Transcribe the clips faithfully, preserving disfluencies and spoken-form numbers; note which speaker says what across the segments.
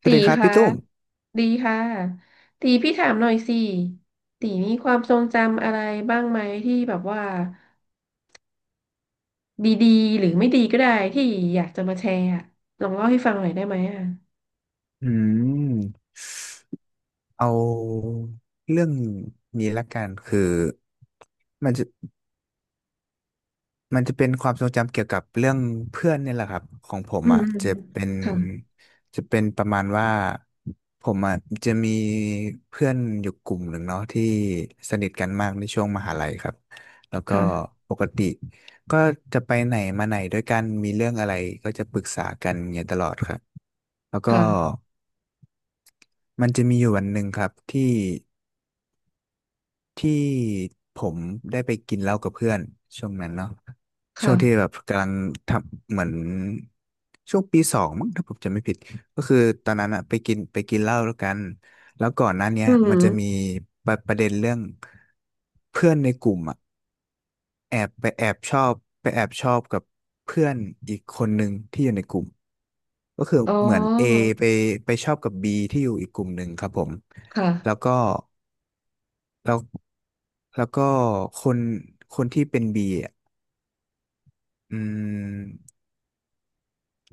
Speaker 1: สวั
Speaker 2: ตี
Speaker 1: สดีครับ
Speaker 2: คะ
Speaker 1: พี่ตุ้ม
Speaker 2: ดีค่ะตีพี่ถามหน่อยสิตีมีความทรงจำอะไรบ้างไหมที่แบบว่าดีๆหรือไม่ดีก็ได้ที่อยากจะมาแชร์อะลองเล่าให้ฟังหน่อยได้ไหมอ่ะ
Speaker 1: อืมเอาเรื่องนี้ละกันคือมันจะมันจะเป็นความทรงจำเกี่ยวกับเรื่องเพื่อนเนี่ยแหละครับของผม
Speaker 2: อืม
Speaker 1: อ่ะ
Speaker 2: อืม
Speaker 1: จะเป็น
Speaker 2: ค่ะ
Speaker 1: จะเป็นประมาณว่าผมอ่ะจะมีเพื่อนอยู่กลุ่มหนึ่งเนาะที่สนิทกันมากในช่วงมหาลัยครับแล้วก็
Speaker 2: ค่ะ
Speaker 1: ปกติก็จะไปไหนมาไหนด้วยกันมีเรื่องอะไรก็จะปรึกษากันอย่างเงี้ยตลอดครับแล้วก็
Speaker 2: ค่ะ
Speaker 1: มันจะมีอยู่วันหนึ่งครับที่ ที่ผมได้ไปกินเหล้ากับเพื่อนช่วงนั้นเนาะช่วงที่
Speaker 2: ค่ะ
Speaker 1: แบบกำลังทำเหมือนช่วงปีสองมั้งถ้าผมจำไม่ผิดก็คือตอนนั้นอะไปกินไปกินเหล้าแล้วกันแล้วก่อนหน้าเนี้ย
Speaker 2: อืม
Speaker 1: มันจะมีประประเด็นเรื่องเพื่อนในกลุ่มอะแอบไปแอบชอบไปแอบชอบกับเพื่อนอีกคนหนึ่งที่อยู่ในกลุ่มก็คือ
Speaker 2: อ๋
Speaker 1: เหมือน A
Speaker 2: อ
Speaker 1: ไปไปชอบกับ บี ที่อยู่อีกกลุ่มหนึ่งครับผม
Speaker 2: ค่ะ
Speaker 1: แล้วก็ แล้วแล้วก็คนคนที่เป็นบีอ่ะอืม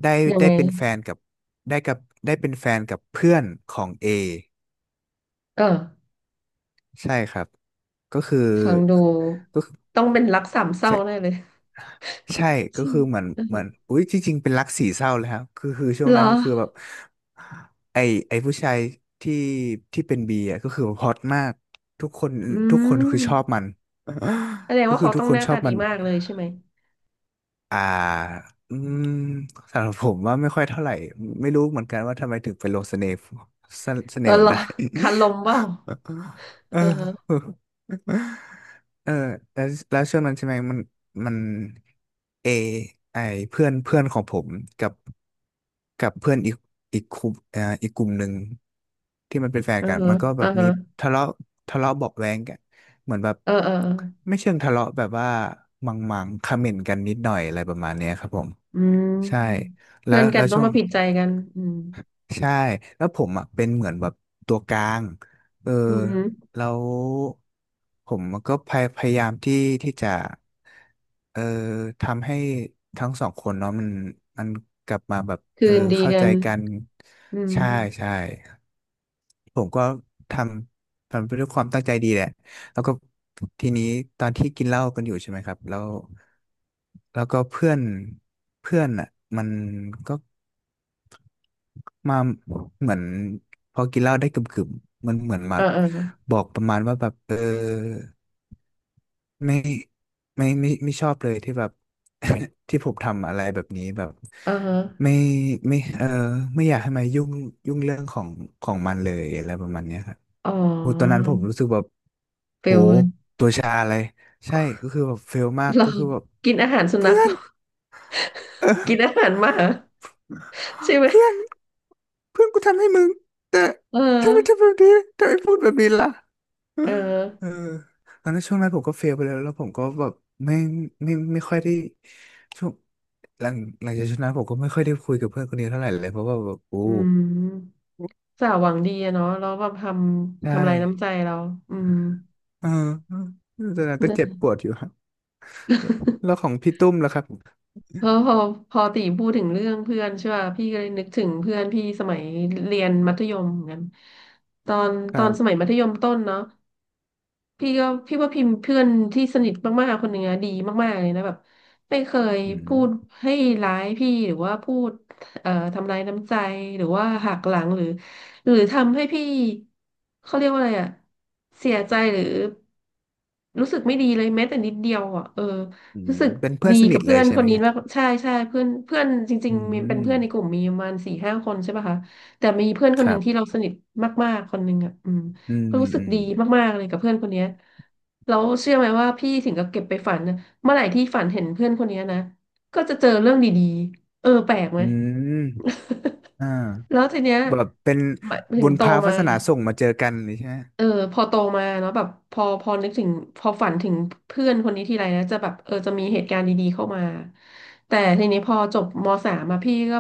Speaker 1: ได้
Speaker 2: ยังไง
Speaker 1: ได้เป็นแฟนกับได้กับได้เป็นแฟนกับเพื่อนของเอ
Speaker 2: เออ
Speaker 1: ใช่ครับก็คือ
Speaker 2: ฟังดู
Speaker 1: ก็คือ
Speaker 2: ต้องเป็นรักสามเศร้าแน่
Speaker 1: ใช่
Speaker 2: เลย
Speaker 1: ใช่ก็
Speaker 2: ใช่ ไห
Speaker 1: คื
Speaker 2: ม
Speaker 1: อเหมือน
Speaker 2: เอ
Speaker 1: เหมือน
Speaker 2: อ
Speaker 1: อุ้ยจริงๆเป็นรักสี่เศร้าเลยครับคือคือช่วง
Speaker 2: เหรอ
Speaker 1: นั้นก็คือแบบไอไอผู้ชายที่ที่เป็นบีอ่ะก็คือฮอตมากทุกคน
Speaker 2: อื
Speaker 1: ทุกคนคือชอบ
Speaker 2: ม
Speaker 1: มัน
Speaker 2: แสดง
Speaker 1: ก็
Speaker 2: ว่า
Speaker 1: คือ
Speaker 2: เขา
Speaker 1: ทุ
Speaker 2: ต้
Speaker 1: ก
Speaker 2: อง
Speaker 1: ค
Speaker 2: ห
Speaker 1: น
Speaker 2: น้า
Speaker 1: ชอ
Speaker 2: ตา
Speaker 1: บ
Speaker 2: ดี
Speaker 1: มัน
Speaker 2: มากเลยใช่ไหม
Speaker 1: อ่า อืม สำหรับผมว่าไม่ค่อยเท่าไหร่ ไม่รู้เหมือนกันว่าทำไมถึงเป็นลงเสเน่ห์สเส
Speaker 2: เอ
Speaker 1: น่
Speaker 2: อ
Speaker 1: ห์มั
Speaker 2: เหร
Speaker 1: น
Speaker 2: อ
Speaker 1: ได้
Speaker 2: คันลมเปล่า
Speaker 1: เออ
Speaker 2: เออ
Speaker 1: เออแล้วแล้วช่วงนั้นใช่ไหมมันมันเอไอเพื่อนเพื่อนของผมกับกับเพื่อนอีกอีกกลุ่มเอ่ออีกกลุ่มหนึ่งที่มันเป็นแฟ
Speaker 2: เอ
Speaker 1: น
Speaker 2: อ
Speaker 1: กันมันก็
Speaker 2: เอ
Speaker 1: แบ
Speaker 2: อ
Speaker 1: บมีทะเลาะทะเลาะเบาะแว้งกันเหมือนแบบ
Speaker 2: เออเออ
Speaker 1: ไม่เชิงทะเลาะแบบว่ามังมังคอมเมนต์กันนิดหน่อยอะไรประมาณเนี้ยครับผม
Speaker 2: อื
Speaker 1: ใช่
Speaker 2: ม
Speaker 1: แล้
Speaker 2: เพื่อ
Speaker 1: ว
Speaker 2: นกั
Speaker 1: แล้
Speaker 2: น
Speaker 1: ว
Speaker 2: ต้อ
Speaker 1: ช่
Speaker 2: ง
Speaker 1: วง
Speaker 2: มาผิดใจกันอืม
Speaker 1: ใช่แล้วผมอ่ะเป็นเหมือนแบบตัวกลางเออ
Speaker 2: อืม
Speaker 1: แล้วผมก็พยพยายามที่ที่จะเออทำให้ทั้งสองคนเนาะมันมันกลับมาแบบเอ
Speaker 2: คื
Speaker 1: อ
Speaker 2: นดี
Speaker 1: เข้า
Speaker 2: กั
Speaker 1: ใจ
Speaker 2: น
Speaker 1: กัน
Speaker 2: อืม
Speaker 1: ใช่ใช่ผมก็ทำทำไปด้วยความตั้งใจดีแหละแล้วก็ทีนี้ตอนที่กินเหล้ากันอยู่ใช่ไหมครับแล้วแล้วก็เพื่อนเพื่อนอ่ะมันก็ มาเหมือนพอกินเหล้าได้กึ่มๆมันเหมือนมา
Speaker 2: เออเออ
Speaker 1: บอกประมาณว่าแบบเออไม่ไม่ไม่ไม่ชอบเลยที่แบบ ที่ผมทำอะไรแบบนี้แบบ
Speaker 2: เออ
Speaker 1: ไม่ไม่เออไม่อยากให้มายุ่งยุ่งเรื่องของของมันเลยอะไรประมาณเนี้ยครับ
Speaker 2: อ๋
Speaker 1: โอ้ตอน
Speaker 2: อ
Speaker 1: นั้นผมรู้สึกแบบ
Speaker 2: เปล
Speaker 1: โห
Speaker 2: วเลย
Speaker 1: ตัวชาเลยใช่ก็ คือแบบเฟลมาก
Speaker 2: เรา
Speaker 1: ก็คือแบบ
Speaker 2: กินอาหารสุนั
Speaker 1: เพื่
Speaker 2: ข
Speaker 1: อนเออ
Speaker 2: กินอาหารหมา ใช่ไหม
Speaker 1: เพื่อนเพื่อนกูทำให้มึงแต่
Speaker 2: เออ
Speaker 1: ทำไมทำแบบนี้ทำไมพูดแบบนี้ล่ะ
Speaker 2: เอ
Speaker 1: เออ
Speaker 2: อ
Speaker 1: ตอนนั้นช่วงนั้นผมก็เฟลไปแล้วแล้วผมก็แบบไม่ไม่ไม่ค่อยได้ช่วงหลังหลังจากช่วงนั้นผมก็ไม่ค่อยได้คุยกับเพื่อนคนนี้เท่าไหร่เลยเพราะว่าแบบโอ้
Speaker 2: อืมสาวหวังดีอะเนาะแล้วแบบทำ
Speaker 1: ได้
Speaker 2: ทำลายน้ำใจเราอืม
Speaker 1: เออตอนนั้น ก็
Speaker 2: นะ
Speaker 1: เจ็บปวดอยู่ครับแล้วของพี่ตุ้มล่ะครับ
Speaker 2: พอพอพอตีพูดถึงเรื่องเพื่อนใช่ป่ะพี่ก็เลยนึกถึงเพื่อนพี่สมัยเรียนมัธยมเหมือนกันตอน
Speaker 1: ค
Speaker 2: ต
Speaker 1: รั
Speaker 2: อนสมัย
Speaker 1: บ
Speaker 2: มัธยมต้นเนาะพี่ก็พี่ว่าพิมพ์เพื่อนที่สนิทมากๆคนหนึ่งอะดีมากๆเลยนะแบบไม่เคย
Speaker 1: อื
Speaker 2: พูด
Speaker 1: ม
Speaker 2: ให้ร้ายพี่หรือว่าพูดเอ่อทำร้ายน้ำใจหรือว่าหักหลังหรือหรือทำให้พี่เขาเรียกว่าอะไรอะเสียใจหรือรู้สึกไม่ดีเลยแม้แต่นิดเดียวอะเออ
Speaker 1: อืม
Speaker 2: รู้สึก
Speaker 1: เป็นเพื่อ
Speaker 2: ดี
Speaker 1: นสนิ
Speaker 2: กั
Speaker 1: ท
Speaker 2: บ
Speaker 1: เล
Speaker 2: เพื่อ
Speaker 1: ย
Speaker 2: น
Speaker 1: ใช่
Speaker 2: คน
Speaker 1: ไหม
Speaker 2: นี้
Speaker 1: ฮะ
Speaker 2: มากใช่ใช่เพื่อนเพื่อนจริง
Speaker 1: อื
Speaker 2: ๆมีเป็น
Speaker 1: ม
Speaker 2: เพื่อนในกลุ่มมีประมาณสี่ห้าคนใช่ป่ะคะแต่มีเพื่อนคน
Speaker 1: ค
Speaker 2: หนึ่
Speaker 1: รั
Speaker 2: งที่
Speaker 1: บ
Speaker 2: เราสนิทมากๆคนหนึ่งอ่ะอืม
Speaker 1: อืม
Speaker 2: ก็รู้สึ
Speaker 1: อื
Speaker 2: ก
Speaker 1: ม
Speaker 2: ดีมากๆเลยกับเพื่อนคนเนี้ยแล้วเชื่อไหมว่าพี่ถึงกับเก็บไปฝันนะเมื่อไหร่ที่ฝันเห็นเพื่อนคนเนี้ยนะก็จะเจอเรื่องดีๆเออแปลกไหม
Speaker 1: อืม อ่า
Speaker 2: แล้วทีเนี้ย
Speaker 1: แบบเป็น
Speaker 2: ถึ
Speaker 1: บุ
Speaker 2: ง
Speaker 1: ญ
Speaker 2: โต
Speaker 1: พาวา
Speaker 2: มา
Speaker 1: สนาส่งมาเจอกันเลยใช่ไหม
Speaker 2: เออพอโตมาเนาะแบบพอพอนึกถึงพอฝันถึงเพื่อนคนนี้ทีไรนะจะแบบเออจะมีเหตุการณ์ดีๆเข้ามาแต่ทีนี้พอจบมสามมาพี่ก็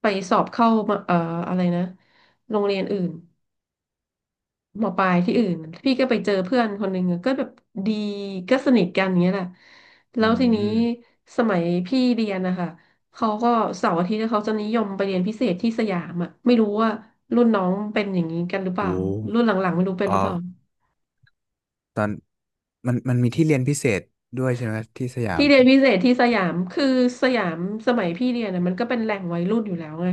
Speaker 2: ไปสอบเข้ามาเอ่ออะไรนะโรงเรียนอื่นมปลายที่อื่นพี่ก็ไปเจอเพื่อนคนหนึ่งอะก็แบบดีก็สนิทกันอย่างเงี้ยแหละแล้
Speaker 1: อื
Speaker 2: วทีนี้
Speaker 1: ม
Speaker 2: สมัยพี่เรียนนะคะเขาก็เสาร์อาทิตย์เขาจะนิยมไปเรียนพิเศษที่สยามอ่ะไม่รู้ว่ารุ่นน้องเป็นอย่างนี้กันหรือเป
Speaker 1: โอ
Speaker 2: ล่ารุ่นห
Speaker 1: ้
Speaker 2: ลังๆไม่รู้เป็
Speaker 1: เอ
Speaker 2: นหรือเป
Speaker 1: อ
Speaker 2: ล่า
Speaker 1: ตอนมันมันมีที่เรียนพิเศษด้วยใช่ไหมที่สยา
Speaker 2: ที่
Speaker 1: ม
Speaker 2: เรียนพิเศษที่สยามคือสยามสมัยพี่เรียนนะมันก็เป็นแหล่งวัยรุ่นอยู่แล้วไง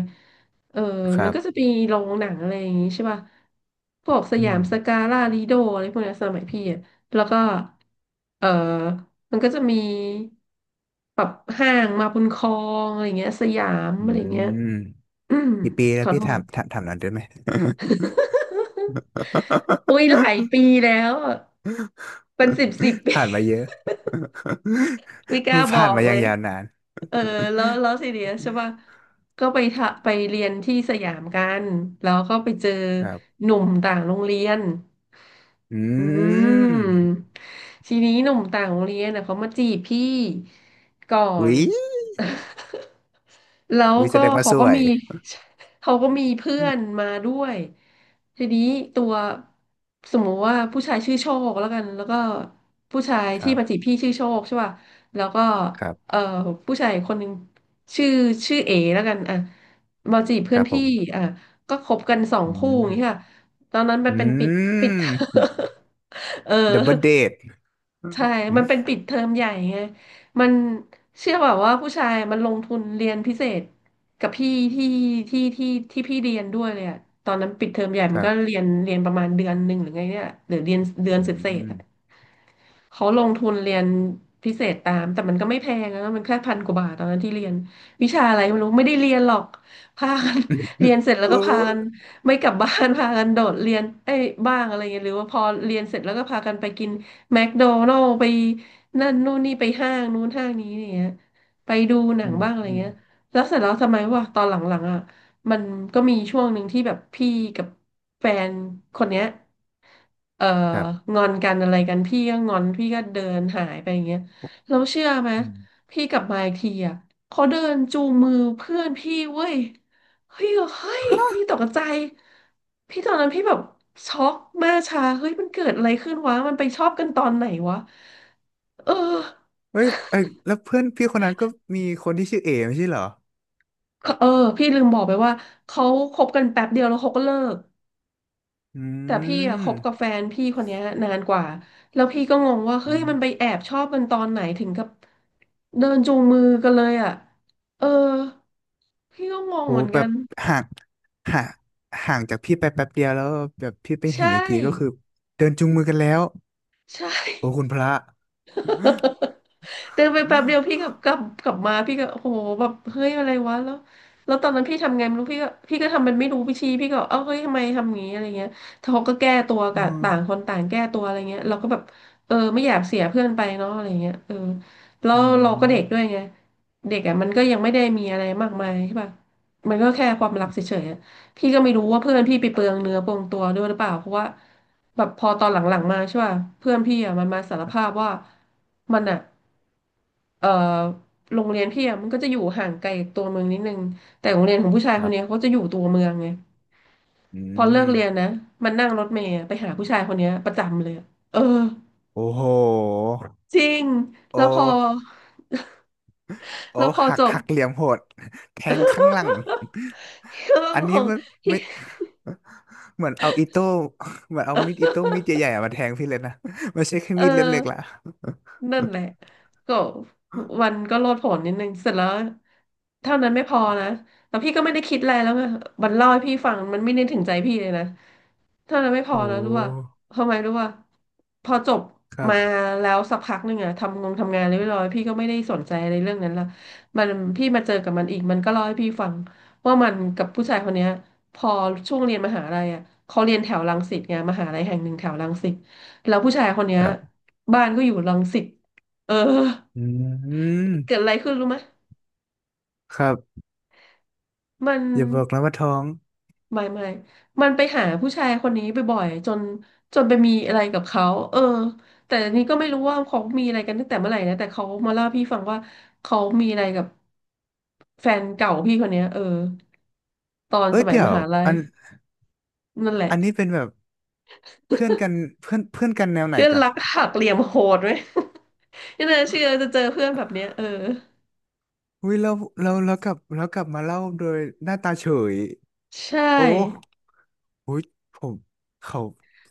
Speaker 2: เออ
Speaker 1: ค
Speaker 2: มั
Speaker 1: รั
Speaker 2: นก็จะ
Speaker 1: บ
Speaker 2: มีโรงหนังอะไรอย่างงี้ใช่ป่ะพวกส
Speaker 1: อื
Speaker 2: ยาม
Speaker 1: ม
Speaker 2: สกาล่าลิโดอะไรพวกเนี้ยสมัยพี่อะแล้วก็เออมันก็จะมีแบบห้างมาบุญครองอะไรเงี้ยสยาม
Speaker 1: อื
Speaker 2: อะไรเงี้ย
Speaker 1: ม
Speaker 2: อืม
Speaker 1: กี่ปี
Speaker 2: ข
Speaker 1: แล้ว
Speaker 2: อโท
Speaker 1: พี่ถา
Speaker 2: ษ
Speaker 1: มถามถามหน่อนได้ไหม
Speaker 2: อุ้ยหลายปีแล้วอะเป็นสิบสิบ ปี
Speaker 1: ผ่านมาเยอะ
Speaker 2: ไม่กล้า บอ
Speaker 1: ผ่าน
Speaker 2: ก
Speaker 1: มาอ
Speaker 2: เล
Speaker 1: ย่าง
Speaker 2: ย
Speaker 1: ยาวนาน
Speaker 2: เออ แล้วแล้วทีเนี้ยใช่ป่ะก็ไปทะไปเรียนที่สยามกัน แล้วก็ไปเจอ
Speaker 1: ครับ
Speaker 2: หนุ่มต่างโรงเรียน
Speaker 1: อื
Speaker 2: อื
Speaker 1: ม
Speaker 2: มทีนี้หนุ่มต่างโรงเรียนนะเขามาจีบพี่ก่อน
Speaker 1: วิ
Speaker 2: แล้ว
Speaker 1: วิแส
Speaker 2: ก็
Speaker 1: ดงว่า
Speaker 2: เขา
Speaker 1: ส
Speaker 2: ก็
Speaker 1: วย
Speaker 2: มี เขาก็มีเพื่อนมาด้วยทีนี้ตัวสมมติว่าผู้ชายชื่อโชคแล้วกันแล้วก็ผู้ชาย
Speaker 1: ค
Speaker 2: ที่
Speaker 1: รั
Speaker 2: มาจี
Speaker 1: บ
Speaker 2: บพี่ชื่อโชคใช่ป่ะแล้วก็
Speaker 1: ครับ
Speaker 2: เอ่อผู้ชายคนหนึ่งชื่อชื่อเอแล้วกันอ่ะมาจีบ
Speaker 1: ค
Speaker 2: เพื่อน
Speaker 1: รับผ
Speaker 2: พี่
Speaker 1: ม
Speaker 2: อ่ะก็คบกันสอง
Speaker 1: อื
Speaker 2: คู่อย่างเงี้ยค่ะ
Speaker 1: ม
Speaker 2: ตอนนั้นมัน
Speaker 1: อื
Speaker 2: เป็นปิดปิด
Speaker 1: ม
Speaker 2: เออ
Speaker 1: ดับเบิลเดท
Speaker 2: ใช่มันเป็นปิดเทอมใหญ่ไงมันเชื่อแบบว่าผู้ชายมันลงทุนเรียนพิเศษกับพี่ที่ที่ที่ที่พี่เรียนด้วยเลยอะตอนนั้นปิดเทอมใหญ่
Speaker 1: ค
Speaker 2: มัน
Speaker 1: รั
Speaker 2: ก็เรี
Speaker 1: บ
Speaker 2: ยนเรียนประมาณเดือนหนึ่งหรือไงเนี่ยหรือเรียนเดือน
Speaker 1: อื
Speaker 2: เศษๆ
Speaker 1: ม
Speaker 2: อะ เขาลงทุนเรียนพิเศษตามแต่มันก็ไม่แพงนะมันแค่พันกว่าบาทตอนนั้นที่เรียนวิชาอะไรไม่รู้ไม่ได้เรียนหรอกพากัน เรียน เสร็จแล้ว
Speaker 1: เออ
Speaker 2: ก็พากันไม่กลับบ้าน พากันโดดเรียนเอ้ยบ้างอะไรเงี้ยหรือว่าพอเรียนเสร็จแล้วก็พากันไปกินแมคโดนัลด์ไปนั่นนู่นนี่ไปห้างนู้นห้างนี้เนี่ยไปดูหนั
Speaker 1: อื
Speaker 2: ง
Speaker 1: ม
Speaker 2: บ้างอะไร
Speaker 1: อืม
Speaker 2: เงี้ยแล้วเสร็จแล้วทำไมวะตอนหลังๆอ่ะ มันก็มีช่วงหนึ่งที่แบบพี่กับแฟนคนเนี้ยเอ่อ
Speaker 1: ครับ
Speaker 2: งอนกันอะไรกันพี่ก็งอนพี่ก็เดินหายไปอย่างเงี้ยแล้วเชื่อไหม
Speaker 1: อืม
Speaker 2: พี่กลับมาอีกทีอ่ะเขาเดินจูงมือเพื่อนพี่เว้ยเฮ้ยเฮ้ยพี่ตกใจพี่ตอนนั้นพี่แบบช็อกมากชาเฮ้ยมันเกิดอะไรขึ้นวะมันไปชอบกันตอนไหนวะเออ
Speaker 1: เฮ้ยเอ้ยแล้วเพื่อนพี่คนนั้นก็มีคนที่ชื่อเอไม่ใช่เหรอ
Speaker 2: เออพี่ลืมบอกไปว่าเขาคบกันแป๊บเดียวแล้วเขาก็เลิก
Speaker 1: อื
Speaker 2: แต่พี่อะค
Speaker 1: ม
Speaker 2: บกับแฟนพี่คนเนี้ยนานกว่า แล้วพี่ก็งงว่าเฮ้
Speaker 1: อื
Speaker 2: ย
Speaker 1: ม
Speaker 2: มันไปแอบชอบกันตอนไหนถึงกับเดินจูงมือกันเลยอ่ะเออพี่ก็งง
Speaker 1: โห
Speaker 2: เหมือน
Speaker 1: แบ
Speaker 2: กั
Speaker 1: บ
Speaker 2: น
Speaker 1: ห่างห่างห่างจากพี่ไปแป๊บเดียวแล้วแบบพี่ไปเห็
Speaker 2: ใช่
Speaker 1: นอีกทีก็คือเดินจูงมือกันแล้ว
Speaker 2: ใช
Speaker 1: โอ้
Speaker 2: ่
Speaker 1: คุณพระ
Speaker 2: เดินไปแป๊บเดียวพี่กลั บกลับกลับมาพี่ก็โอ้โหแบบเฮ้ยอะไรวะแล้วแล้วตอนนั้นพี่ทำไงไม่รู้พี่ก็พี่ก็ทำมันไม่รู้พี่ชี้พี่ก็เอ้าเฮ้ยทำไมทำอย่างงี้อะไรเงี้ยเขาก็แก้ตัว
Speaker 1: อื
Speaker 2: กัน
Speaker 1: ม
Speaker 2: ต่างคนต่างแก้ตัวอะไรเงี้ยเราก็แบบเออไม่อยากเสียเพื่อนไปเนาะอะไรเงี้ยเออแล้
Speaker 1: อื
Speaker 2: วเราก็เด็กด้วย
Speaker 1: ม
Speaker 2: ไงเด็กอ่ะมันก็ยังไม่ได้มีอะไรมากมายใช่ป่ะมันก็แค่ความรักเฉยๆอะพี่ก็ไม่รู้ว่าเพื่อนพี่ไปเปลืองเนื้อเปลืองตัวด้วยหรือเปล่าเพราะว่าแบบพอตอนหลังๆมาใช่ป่ะเพื่อนพี่อ่ะมันมาสารภาพว่ามันอ่ะ เอ่อโรงเรียนพี่อะมันก็จะอยู่ห่างไกลตัวเมืองนิดนึงแต่โรงเรียนของผู้ชาย
Speaker 1: ค
Speaker 2: ค
Speaker 1: รั
Speaker 2: นเนี้ย
Speaker 1: บ
Speaker 2: เขาจะอยู่ตัวเมืองไง
Speaker 1: อื
Speaker 2: พอเลิ
Speaker 1: ม
Speaker 2: กเรียนนะ มันนั่งรถเมล์ะไปหาผู้ชายคนเนี้ยประจำเลยอะเออ
Speaker 1: โอ้โห
Speaker 2: จริง
Speaker 1: โอ
Speaker 2: แล้วพอ
Speaker 1: ้ โอ้
Speaker 2: แล้วพอ
Speaker 1: หั
Speaker 2: จ
Speaker 1: ก
Speaker 2: บ
Speaker 1: หักเหลี่ยมโหด แทงข้างหลัง
Speaker 2: เรื่อง
Speaker 1: อัน
Speaker 2: ข
Speaker 1: นี้
Speaker 2: อง
Speaker 1: ไม่ไม่เหมือนเอาอิโต้ เหมือนเอามีดอิโต้มีดใหญ่ๆอะมาแทงพี่เลยนะ ไม่ใช่แค่
Speaker 2: เออ
Speaker 1: มีดเล่มเล็กละ
Speaker 2: นั่นแหละก็มันก็โลดโผนนิดนึงเสร็จแล้วเท่านั้นไม่พอนะแล้วพี่ก็ไม่ได้คิดอะไรแล้วไงมันเล่าให้พี่ฟังมันไม่ได้ถึงใจพี่เลยนะเท่านั้นไม่พ อ
Speaker 1: โอ้
Speaker 2: นะรู้ว่าทำไมรู้ว่าพอจบ
Speaker 1: ครั
Speaker 2: มา
Speaker 1: บ
Speaker 2: แล้วสักพักหนึ่งอะทำงงทำงานเรียบร้อยพี่ก็ไม่ได้สนใจอะไรเรื่องนั้นละมันพี่มาเจอกับมันอีกมันก็เล่าให้พี่ฟังว่ามันกับผู้ชายคนเนี้ยพอช่วงเรียนมหาลัยอะเขาเรียนแถวรังสิตไงมหาลัยแห่งหนึ่งแถวรังสิตแล้วผู้ชายคนเนี้ย
Speaker 1: ครับ
Speaker 2: บ้านก็อยู่รังสิตเออ
Speaker 1: อื
Speaker 2: เกิดอะ
Speaker 1: ม
Speaker 2: ไรขึ้นรู้ไหม
Speaker 1: ครับ
Speaker 2: มัน
Speaker 1: อย่าบอกนะว่าท้อง
Speaker 2: ไม่ไม่มันไปหาผู้ชายคนนี้บ่อยๆจนจนไปมีอะไรกับเขาเออแต่อันนี้ก็ไม่รู้ว่าเขามีอะไรกันตั้งแต่เมื่อไหร่นะแต่เขามาเล่าให้พี่ฟังว่าเขามีอะไรกับแฟนเก่าพี่คนเนี้ยเออตอน
Speaker 1: เอ้
Speaker 2: ส
Speaker 1: ย
Speaker 2: มัย
Speaker 1: เดี๋ย
Speaker 2: ม
Speaker 1: ว
Speaker 2: หาลัย
Speaker 1: อัน
Speaker 2: นั่นแหละ
Speaker 1: อันนี้เป็นแบบเพื่อนกันเพื่อนเพื่อนกันแนวไหน
Speaker 2: เพื่อน
Speaker 1: กัน
Speaker 2: รักหักเหลี่ยมโหดไหม ไม่น่าเชื่อจะเจอเพื่อนแบบเนี้ยเออ
Speaker 1: อุ้ยเราเราเรากลับเรากลับมาเล่าโดยหน้าตาเฉย
Speaker 2: ใช
Speaker 1: โอ้
Speaker 2: ่
Speaker 1: อุ้ยผมเขา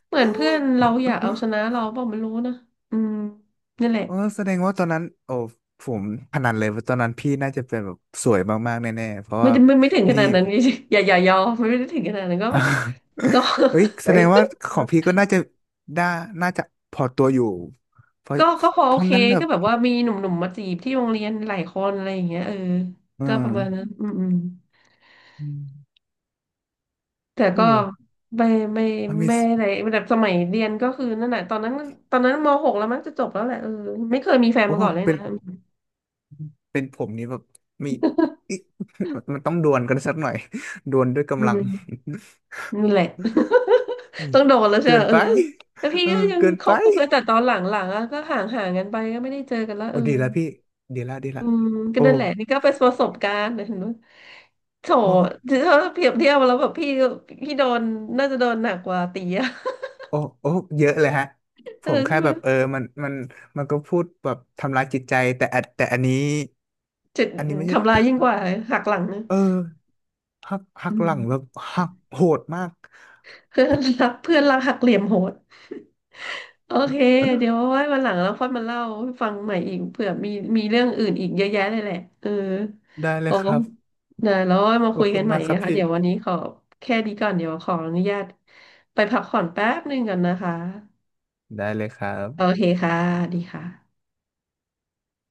Speaker 2: เหมือนเพื่อนเราอยากเอาชนะเราเปล่าไม่รู้นะอืมนั่นแหละ
Speaker 1: เออแสดงว่าตอนนั้นโอ้ผมพนันเลยว่าตอนนั้นพี่น่าจะเป็นแบบสวยมากๆแน่ๆเพราะ
Speaker 2: ไม่
Speaker 1: ว่า
Speaker 2: ได้ไม่ไม่ถึงข
Speaker 1: ไม่
Speaker 2: นาดนั้น จริงๆอย่าอย่ายอมไม่ได้ถึงขนาดนั้นก็ ก็
Speaker 1: เอ้ยแส ดงว่าของพี่ก็น่าจะได้น่าจะพอตัวอยู่เพราะ
Speaker 2: ก็ก็พอ
Speaker 1: เพ
Speaker 2: โอ
Speaker 1: ราะ
Speaker 2: เค
Speaker 1: งั้นแบ
Speaker 2: ก็
Speaker 1: บ
Speaker 2: แบบว่ามีหนุ่มๆมาจีบที่โรงเรียนหลายคนอะไรอย่างเงี้ยเออ
Speaker 1: เอ
Speaker 2: ก็ประมาณนั้
Speaker 1: อ
Speaker 2: นอืมอืม
Speaker 1: อม
Speaker 2: แต่ก็
Speaker 1: โอ้
Speaker 2: ไม่ไม่ไม่
Speaker 1: อะเมซิ่ง
Speaker 2: อะไรแบบสมัยเรียนก็คือนั่นแหละตอนนั้นตอนนั้นมหกแล้วมั้งจะจบแล้วแหละเออไม่เคยมีแฟน
Speaker 1: โอ้
Speaker 2: มาก่อนเลย
Speaker 1: เป็
Speaker 2: นะ
Speaker 1: นเป็นผมนี้แบบมี อิ๊ะมันต้องดวลกันสักหน่อยดวลด้วย
Speaker 2: อื
Speaker 1: กำลัง
Speaker 2: ม นั่นแหละ
Speaker 1: อื ม
Speaker 2: ต้องโดนแล้วใช่
Speaker 1: เกิ
Speaker 2: ไหม
Speaker 1: น
Speaker 2: เอ
Speaker 1: ไป
Speaker 2: อแล้วพี่
Speaker 1: เออ
Speaker 2: ก็ยัง
Speaker 1: เกิน
Speaker 2: ค
Speaker 1: ไป
Speaker 2: บกับเพื่อนแต่ตอนหลังๆอะก็ห่างห่างกันไปก็ไม่ได้เจอกันและ
Speaker 1: โอ้
Speaker 2: เออ
Speaker 1: ดีละพี่ดีละดี
Speaker 2: อื
Speaker 1: ละ
Speaker 2: มก็
Speaker 1: โอ้
Speaker 2: นั่นแหละนี่ก็เป็นประสบการณ์นะเห็นไหมโถ
Speaker 1: โอ้
Speaker 2: ถ้าเปรียบเทียบแล้วแบบพี่ก็พี่โดนน่าจะโดนหนักกว่าตีอะ
Speaker 1: โอ้โอ้เยอะเลยฮะ ผ
Speaker 2: เออ
Speaker 1: มแค่
Speaker 2: ใช่ไหม
Speaker 1: แบบเออมันมันมันก็พูดแบบทำร้ายจิตใจแต่อันแต่อันนี้
Speaker 2: จะ
Speaker 1: อันนี้ไม่ใช่
Speaker 2: ทำลายยิ่งกว่าหักหลังนะ
Speaker 1: เออหักหั
Speaker 2: อื
Speaker 1: กห
Speaker 2: ม
Speaker 1: ลังแบบหักโหดมาก
Speaker 2: เพื่อนรักเพื่อนรักหักเหลี่ยมโหด โอเคเดี๋ยว เอาไว้วันหลังแล้วค่อยมาเล่าให้ฟังใหม่อีกเผื่อมีมีเรื่องอื่นอีกเยอะแยะเลยแหละเออ
Speaker 1: ได้เล
Speaker 2: โอ้
Speaker 1: ยครับ
Speaker 2: นะแล้วเอามา
Speaker 1: ขอ
Speaker 2: คุ
Speaker 1: บ
Speaker 2: ย
Speaker 1: คุ
Speaker 2: กั
Speaker 1: ณ
Speaker 2: นใหม่
Speaker 1: มากครั
Speaker 2: นะ
Speaker 1: บ
Speaker 2: คะ
Speaker 1: พี่
Speaker 2: เดี๋ยววันนี้ขอแค่นี้ก่อนเดี๋ยวขออนุญาตไปพักผ่อนแป๊บหนึ่งก่อนนะคะ
Speaker 1: ได้เลยครับ
Speaker 2: โอเคค่ะดีค่ะ